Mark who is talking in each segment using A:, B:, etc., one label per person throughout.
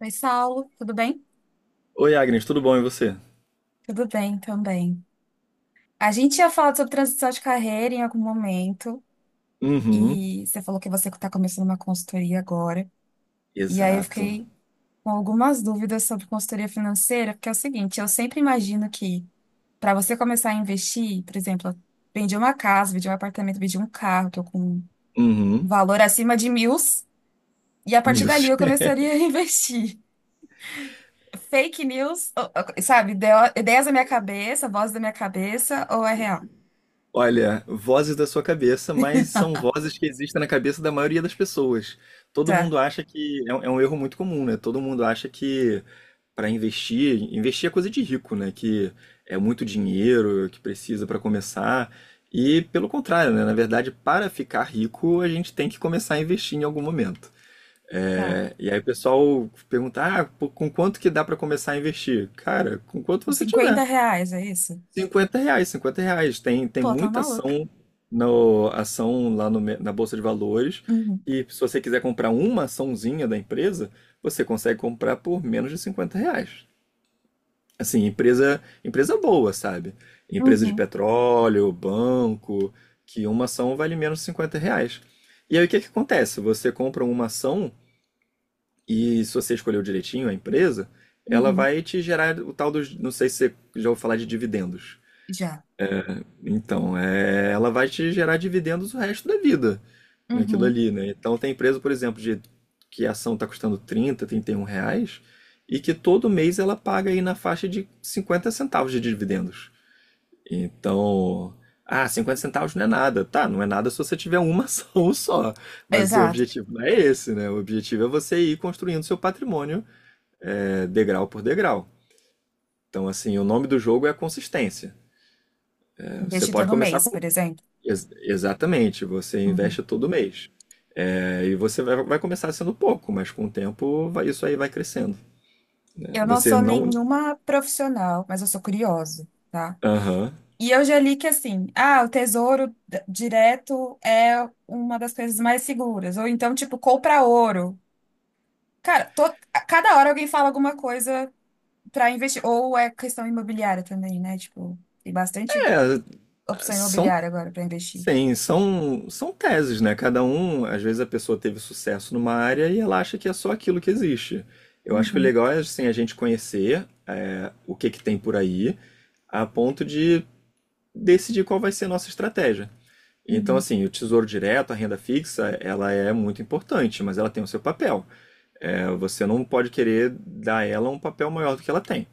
A: Oi, Saulo, tudo bem?
B: Oi, Agnes, tudo bom e você?
A: Tudo bem também. A gente tinha falado sobre transição de carreira em algum momento,
B: Uhum.
A: e você falou que você está começando uma consultoria agora. E aí eu
B: Exato.
A: fiquei com algumas dúvidas sobre consultoria financeira, porque é o seguinte, eu sempre imagino que para você começar a investir, por exemplo, eu vendi uma casa, vendi um apartamento, vendi um carro, estou com um
B: Uhum.
A: valor acima de mil, e a partir dali
B: Mills.
A: eu começaria a investir. Fake news, sabe, ideias da minha cabeça, voz da minha cabeça, ou é real?
B: Olha, vozes da sua cabeça, mas são vozes que existem na cabeça da maioria das pessoas. Todo mundo acha que é um erro muito comum, né? Todo mundo acha que para investir, investir é coisa de rico, né? Que é muito dinheiro que precisa para começar. E pelo contrário, né? Na verdade, para ficar rico, a gente tem que começar a investir em algum momento.
A: Tá.
B: E aí o pessoal pergunta, ah, pô, com quanto que dá para começar a investir? Cara, com quanto
A: Uns
B: você
A: 50
B: tiver.
A: reais, é isso?
B: R$ 50, R$ 50. Tem
A: Pô, tá
B: muita
A: maluca.
B: ação, no, ação lá no me- na Bolsa de Valores.
A: Uhum,
B: E se você quiser comprar uma açãozinha da empresa, você consegue comprar por menos de R$ 50. Assim, empresa, empresa boa, sabe? Empresa de
A: uhum,
B: petróleo, banco, que uma ação vale menos de R$ 50. E aí o que que acontece? Você compra uma ação e se você escolheu direitinho a empresa, ela
A: uhum.
B: vai te gerar o tal dos. Não sei se você já ouviu falar de dividendos.
A: Já.
B: Então, ela vai te gerar dividendos o resto da vida naquilo
A: Uhum.
B: ali, né? Então, tem empresa, por exemplo, de que a ação está custando trinta, trinta e um reais e que todo mês ela paga aí na faixa de 50 centavos de dividendos. Então, ah, 50 centavos não é nada. Tá, não é nada se você tiver uma ação só. Mas o
A: Exato.
B: objetivo não é esse, né? O objetivo é você ir construindo seu patrimônio degrau por degrau. Então, assim, o nome do jogo é a consistência. Você
A: Investir
B: pode
A: todo
B: começar
A: mês,
B: com.
A: por exemplo.
B: Ex exatamente, você
A: Uhum.
B: investe todo mês. E você vai, começar sendo pouco, mas com o tempo vai, isso aí vai crescendo.
A: Eu não
B: Você
A: sou
B: não.
A: nenhuma profissional, mas eu sou curiosa, tá?
B: Aham.
A: E eu já li que assim, ah, o tesouro direto é uma das coisas mais seguras. Ou então, tipo, compra ouro. Cara, a cada hora alguém fala alguma coisa pra investir. Ou é questão imobiliária também, né? Tipo, tem bastante
B: Uhum.
A: opção
B: São.
A: imobiliária agora pra investir.
B: Sim, são teses, né? Cada um, às vezes a pessoa teve sucesso numa área e ela acha que é só aquilo que existe. Eu acho que o legal é assim, a gente conhecer o que, que tem por aí, a ponto de decidir qual vai ser a nossa estratégia. Então,
A: Uhum,
B: assim, o tesouro direto, a renda fixa, ela é muito importante, mas ela tem o seu papel. Você não pode querer dar a ela um papel maior do que ela tem.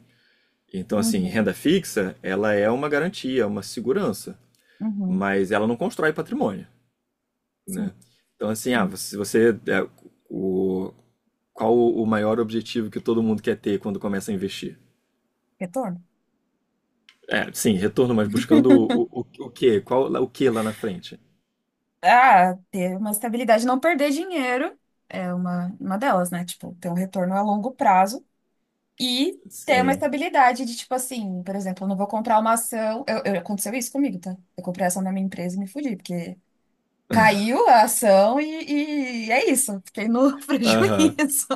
B: Então, assim,
A: uhum,
B: renda fixa, ela é uma garantia, uma segurança,
A: uhum.
B: mas ela não constrói patrimônio,
A: Sim,
B: né? Então, assim, ah,
A: sim.
B: se você, o, qual o maior objetivo que todo mundo quer ter quando começa a investir?
A: Retorno.
B: É, sim, retorno, mas buscando o quê? Qual, o quê lá na frente?
A: Ah, ter uma estabilidade, não perder dinheiro é uma delas, né? Tipo, ter um retorno a longo prazo e ter uma
B: Sim.
A: estabilidade de, tipo assim, por exemplo, eu não vou comprar uma ação. Aconteceu isso comigo, tá? Eu comprei a ação da minha empresa e me fudi, porque caiu a ação e é isso. Fiquei no
B: Aham.
A: prejuízo.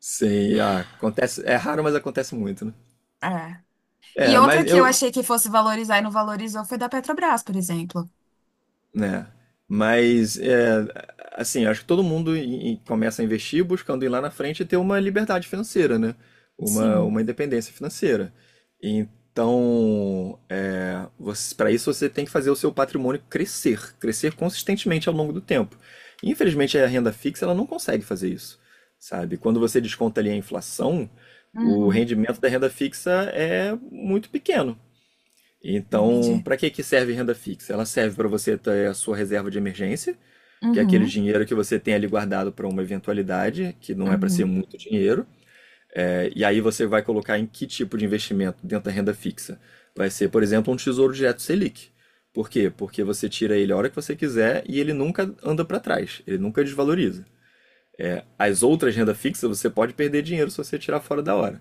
B: Sei, ah, acontece, é raro, mas acontece muito, né?
A: Ah. E
B: É,
A: outra
B: mas
A: que eu
B: eu,
A: achei que fosse valorizar e não valorizou foi da Petrobras, por exemplo.
B: né? Mas é, assim, acho que todo mundo começa a investir buscando ir lá na frente e ter uma liberdade financeira, né? Uma,
A: Sim.
B: uma independência financeira. Então, para isso você tem que fazer o seu patrimônio crescer, crescer consistentemente ao longo do tempo. Infelizmente, a renda fixa ela não consegue fazer isso, sabe? Quando você desconta ali a inflação, o
A: Uhum.
B: rendimento da renda fixa é muito pequeno. Então,
A: Entendi.
B: para que que serve renda fixa? Ela serve para você ter a sua reserva de emergência, que é aquele
A: Uhum.
B: dinheiro que você tem ali guardado para uma eventualidade, que não é para ser
A: Uhum,
B: muito dinheiro. E aí você vai colocar em que tipo de investimento dentro da renda fixa? Vai ser, por exemplo, um tesouro direto Selic. Por quê? Porque você tira ele a hora que você quiser e ele nunca anda para trás, ele nunca desvaloriza. As outras renda fixa você pode perder dinheiro se você tirar fora da hora.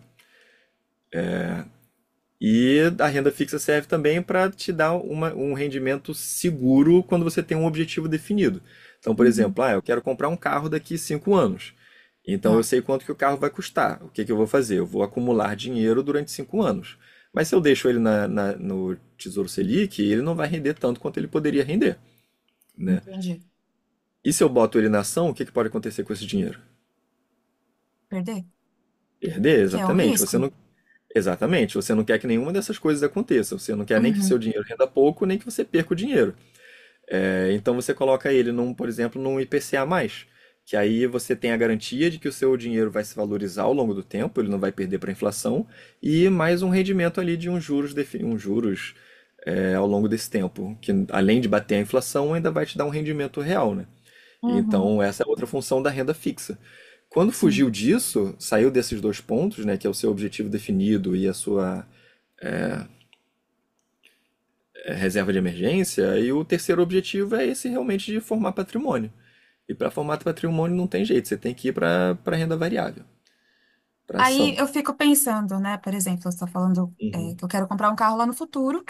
B: E a renda fixa serve também para te dar um rendimento seguro quando você tem um objetivo definido. Então, por
A: uhum.
B: exemplo, ah, eu quero comprar um carro daqui 5 anos. Então eu
A: Tá,
B: sei quanto que o carro vai custar. O que que eu vou fazer? Eu vou acumular dinheiro durante 5 anos. Mas se eu deixo ele no Tesouro Selic, ele não vai render tanto quanto ele poderia render, né?
A: entendi.
B: E se eu boto ele na ação, o que que pode acontecer com esse dinheiro?
A: Perder?
B: Perder,
A: Que é um
B: exatamente. Você
A: risco.
B: não, exatamente. Você não quer que nenhuma dessas coisas aconteça. Você não quer nem que seu
A: Uhum,
B: dinheiro renda pouco, nem que você perca o dinheiro. É, então você coloca ele num, por exemplo, num IPCA+, que aí você tem a garantia de que o seu dinheiro vai se valorizar ao longo do tempo, ele não vai perder para a inflação, e mais um rendimento ali de uns juros ao longo desse tempo, que além de bater a inflação, ainda vai te dar um rendimento real, né?
A: uhum,
B: Então essa é outra função da renda fixa. Quando
A: sim.
B: fugiu disso, saiu desses dois pontos, né, que é o seu objetivo definido e a sua reserva de emergência, e o terceiro objetivo é esse realmente de formar patrimônio. E para formato patrimônio não tem jeito, você tem que ir para renda variável, para
A: Aí
B: ação.
A: eu fico pensando, né? Por exemplo, você está falando é,
B: Uhum.
A: que eu quero comprar um carro lá no futuro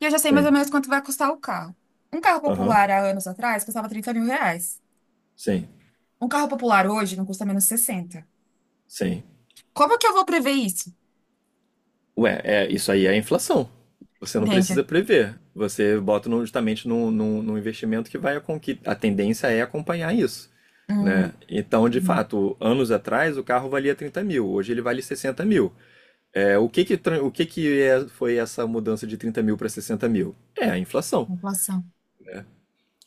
A: e eu já sei mais
B: Sim.
A: ou menos quanto vai custar o carro. Um carro
B: Aham.
A: popular há anos atrás custava 30 mil reais.
B: Sim.
A: Um carro popular hoje não custa menos sessenta.
B: Sim.
A: Como que eu vou prever isso?
B: Ué, isso aí é inflação. Você não
A: Entende?
B: precisa prever. Você bota justamente num no investimento que vai a que a tendência é acompanhar isso.
A: Hum,
B: Né? Então, de
A: uhum,
B: fato, anos atrás o carro valia 30 mil, hoje ele vale 60 mil. É, o que que foi essa mudança de 30 mil para 60 mil? É a inflação.
A: inflação.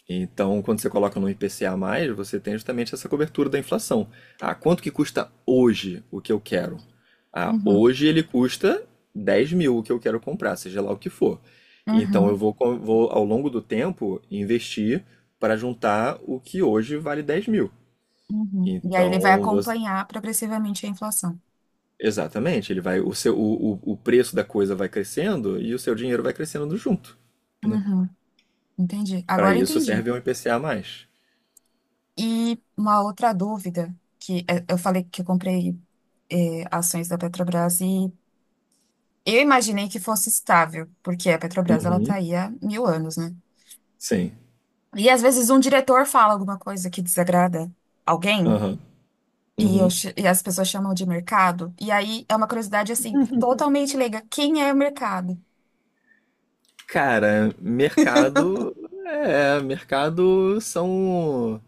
B: Então, quando você coloca no IPCA+, você tem justamente essa cobertura da inflação. Ah, quanto que custa hoje o que eu quero? Ah,
A: Uhum,
B: hoje ele custa 10 mil o que eu quero comprar, seja lá o que for. Então, eu
A: uhum,
B: vou, co- vou ao longo do tempo, investir para juntar o que hoje vale 10 mil.
A: uhum. E aí ele vai
B: Então, você...
A: acompanhar progressivamente a inflação.
B: Exatamente, ele vai, o seu, o preço da coisa vai crescendo e o seu dinheiro vai crescendo junto, né?
A: Uhum, entendi.
B: Para
A: Agora
B: isso
A: entendi.
B: serve um IPCA+.
A: E uma outra dúvida, que é, eu falei que eu comprei é, ações da Petrobras e eu imaginei que fosse estável, porque a Petrobras ela tá
B: Uhum.
A: aí há mil anos, né?
B: Sim.
A: E às vezes um diretor fala alguma coisa que desagrada alguém
B: Aham.
A: e,
B: Uhum.
A: e as pessoas chamam de mercado. E aí é uma curiosidade assim, totalmente leiga. Quem é o mercado?
B: Cara, mercado é, mercado são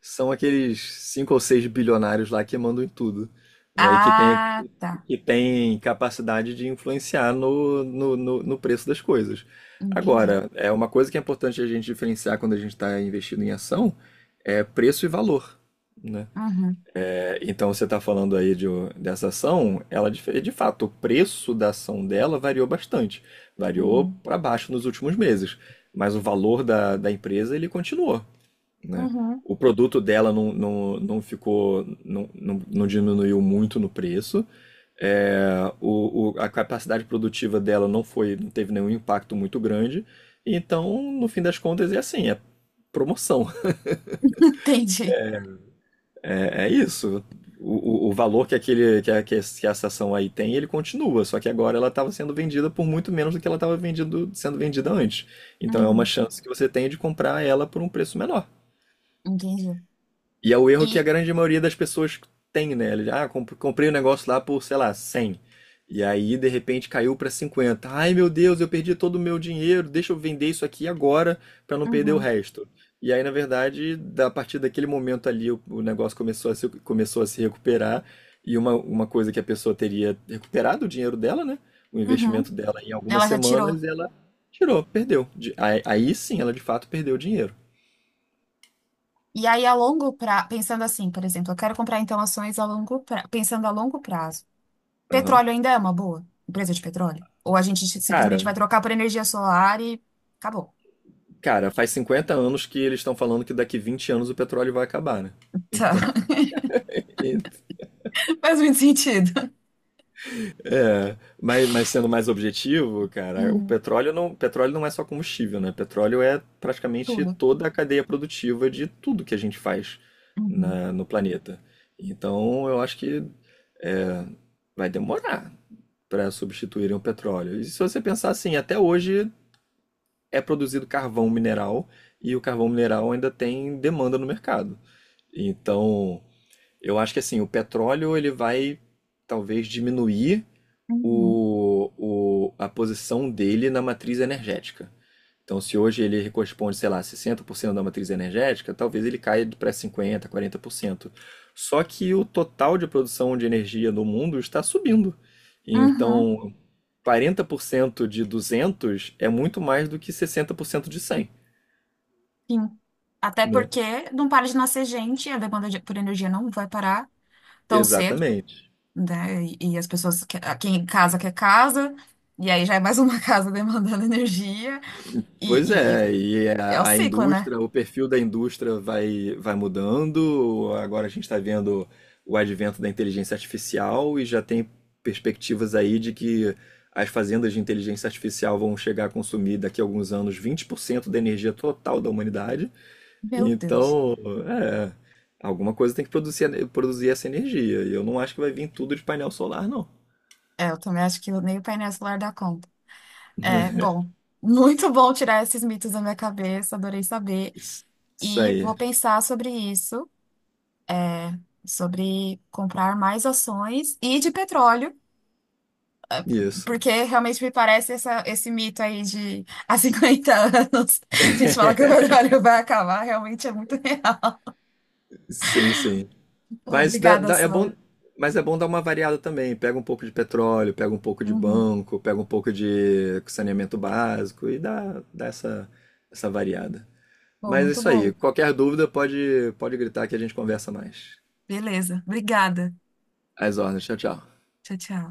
B: são aqueles cinco ou seis bilionários lá que mandam em tudo, né? E que tem
A: Ah, tá.
B: que tem capacidade de influenciar no preço das coisas.
A: Entendi.
B: Agora, é uma coisa que é importante a gente diferenciar quando a gente está investindo em ação é preço e valor, né?
A: Uhum,
B: Então você está falando aí dessa ação, ela de fato, o preço da ação dela variou bastante. Variou
A: uhum,
B: para baixo nos últimos meses, mas o valor da empresa ele continuou, né?
A: uhum.
B: O produto dela não ficou, não diminuiu muito no preço. A capacidade produtiva dela não foi, não teve nenhum impacto muito grande. Então, no fim das contas, é assim, é promoção.
A: Entendi.
B: É isso. O valor que, aquele, que, a, que esse- que a estação aí tem, ele continua, só que agora ela estava sendo vendida por muito menos do que ela estava vendido, sendo vendida antes. Então é uma
A: Uhum,
B: chance que você tem de comprar ela por um preço menor.
A: entendi.
B: E é o erro que a
A: E.
B: grande maioria das pessoas tem, né? Ah, comprei o negócio lá por, sei lá, 100. E aí, de repente, caiu para 50. Ai, meu Deus, eu perdi todo o meu dinheiro. Deixa eu vender isso aqui agora para não perder o
A: Uhum,
B: resto. E aí, na verdade, a partir daquele momento ali, o negócio começou a se recuperar. E uma coisa que a pessoa teria recuperado o dinheiro dela, né? O
A: uhum.
B: investimento dela em algumas
A: Ela já tirou.
B: semanas, ela tirou, perdeu. Aí sim, ela de fato perdeu o dinheiro.
A: E aí, a longo prazo, pensando assim, por exemplo, eu quero comprar então ações a longo pra... pensando a longo prazo.
B: Aham.
A: Petróleo ainda é uma boa empresa de petróleo? Ou a gente simplesmente
B: Cara,
A: vai trocar por energia solar e acabou.
B: Cara, faz 50 anos que eles estão falando que daqui 20 anos o petróleo vai acabar, né? Então,
A: Tá.
B: e-
A: Faz muito sentido.
B: é, mas, sendo mais objetivo, cara, o
A: Uhum.
B: petróleo não é só combustível, né? Petróleo é praticamente
A: Tudo.
B: toda a cadeia produtiva de tudo que a gente faz
A: Uhum.
B: no planeta. Então, eu acho que vai demorar para substituírem o petróleo. E se você pensar assim, até hoje é produzido carvão mineral e o carvão mineral ainda tem demanda no mercado. Então, eu acho que assim, o petróleo ele vai talvez diminuir
A: Uhum.
B: o, a posição dele na matriz energética. Então, se hoje ele corresponde, sei lá, 60% da matriz energética, talvez ele caia para 50%, 40%. Só que o total de produção de energia no mundo está subindo.
A: Uhum.
B: Então, 40% de 200 é muito mais do que 60% de 100,
A: Sim. Até
B: né?
A: porque não para de nascer gente, a por energia não vai parar tão cedo,
B: Exatamente.
A: né? E as pessoas, quem casa quer casa, e aí já é mais uma casa demandando energia.
B: Pois
A: E,
B: é, e
A: é o
B: a
A: ciclo, né?
B: indústria, o perfil da indústria vai mudando. Agora a gente está vendo o advento da inteligência artificial e já tem perspectivas aí de que as fazendas de inteligência artificial vão chegar a consumir daqui a alguns anos 20% da energia total da humanidade.
A: Meu Deus.
B: Então, é, alguma coisa tem que produzir, produzir essa energia. E eu não acho que vai vir tudo de painel solar, não.
A: É, eu também acho que nem o painel solar dá conta. É, bom, muito bom tirar esses mitos da minha cabeça, adorei saber.
B: Isso
A: E
B: aí.
A: vou pensar sobre isso, sobre comprar mais ações e de petróleo,
B: Isso.
A: porque realmente me parece esse mito aí de há 50 anos. A gente fala que o petróleo vai acabar, realmente é muito real.
B: Sim, sim. Mas dá-
A: Obrigada,
B: dá- é bom,
A: Saulo.
B: mas é bom dar uma variada também. Pega um pouco de petróleo, pega um pouco de
A: Uhum.
B: banco, pega um pouco de saneamento básico e dá essa variada.
A: Pô,
B: Mas é
A: muito
B: isso aí.
A: bom.
B: Qualquer dúvida pode gritar que a gente conversa mais.
A: Beleza. Obrigada.
B: Às ordens. Tchau, tchau.
A: Tchau, tchau.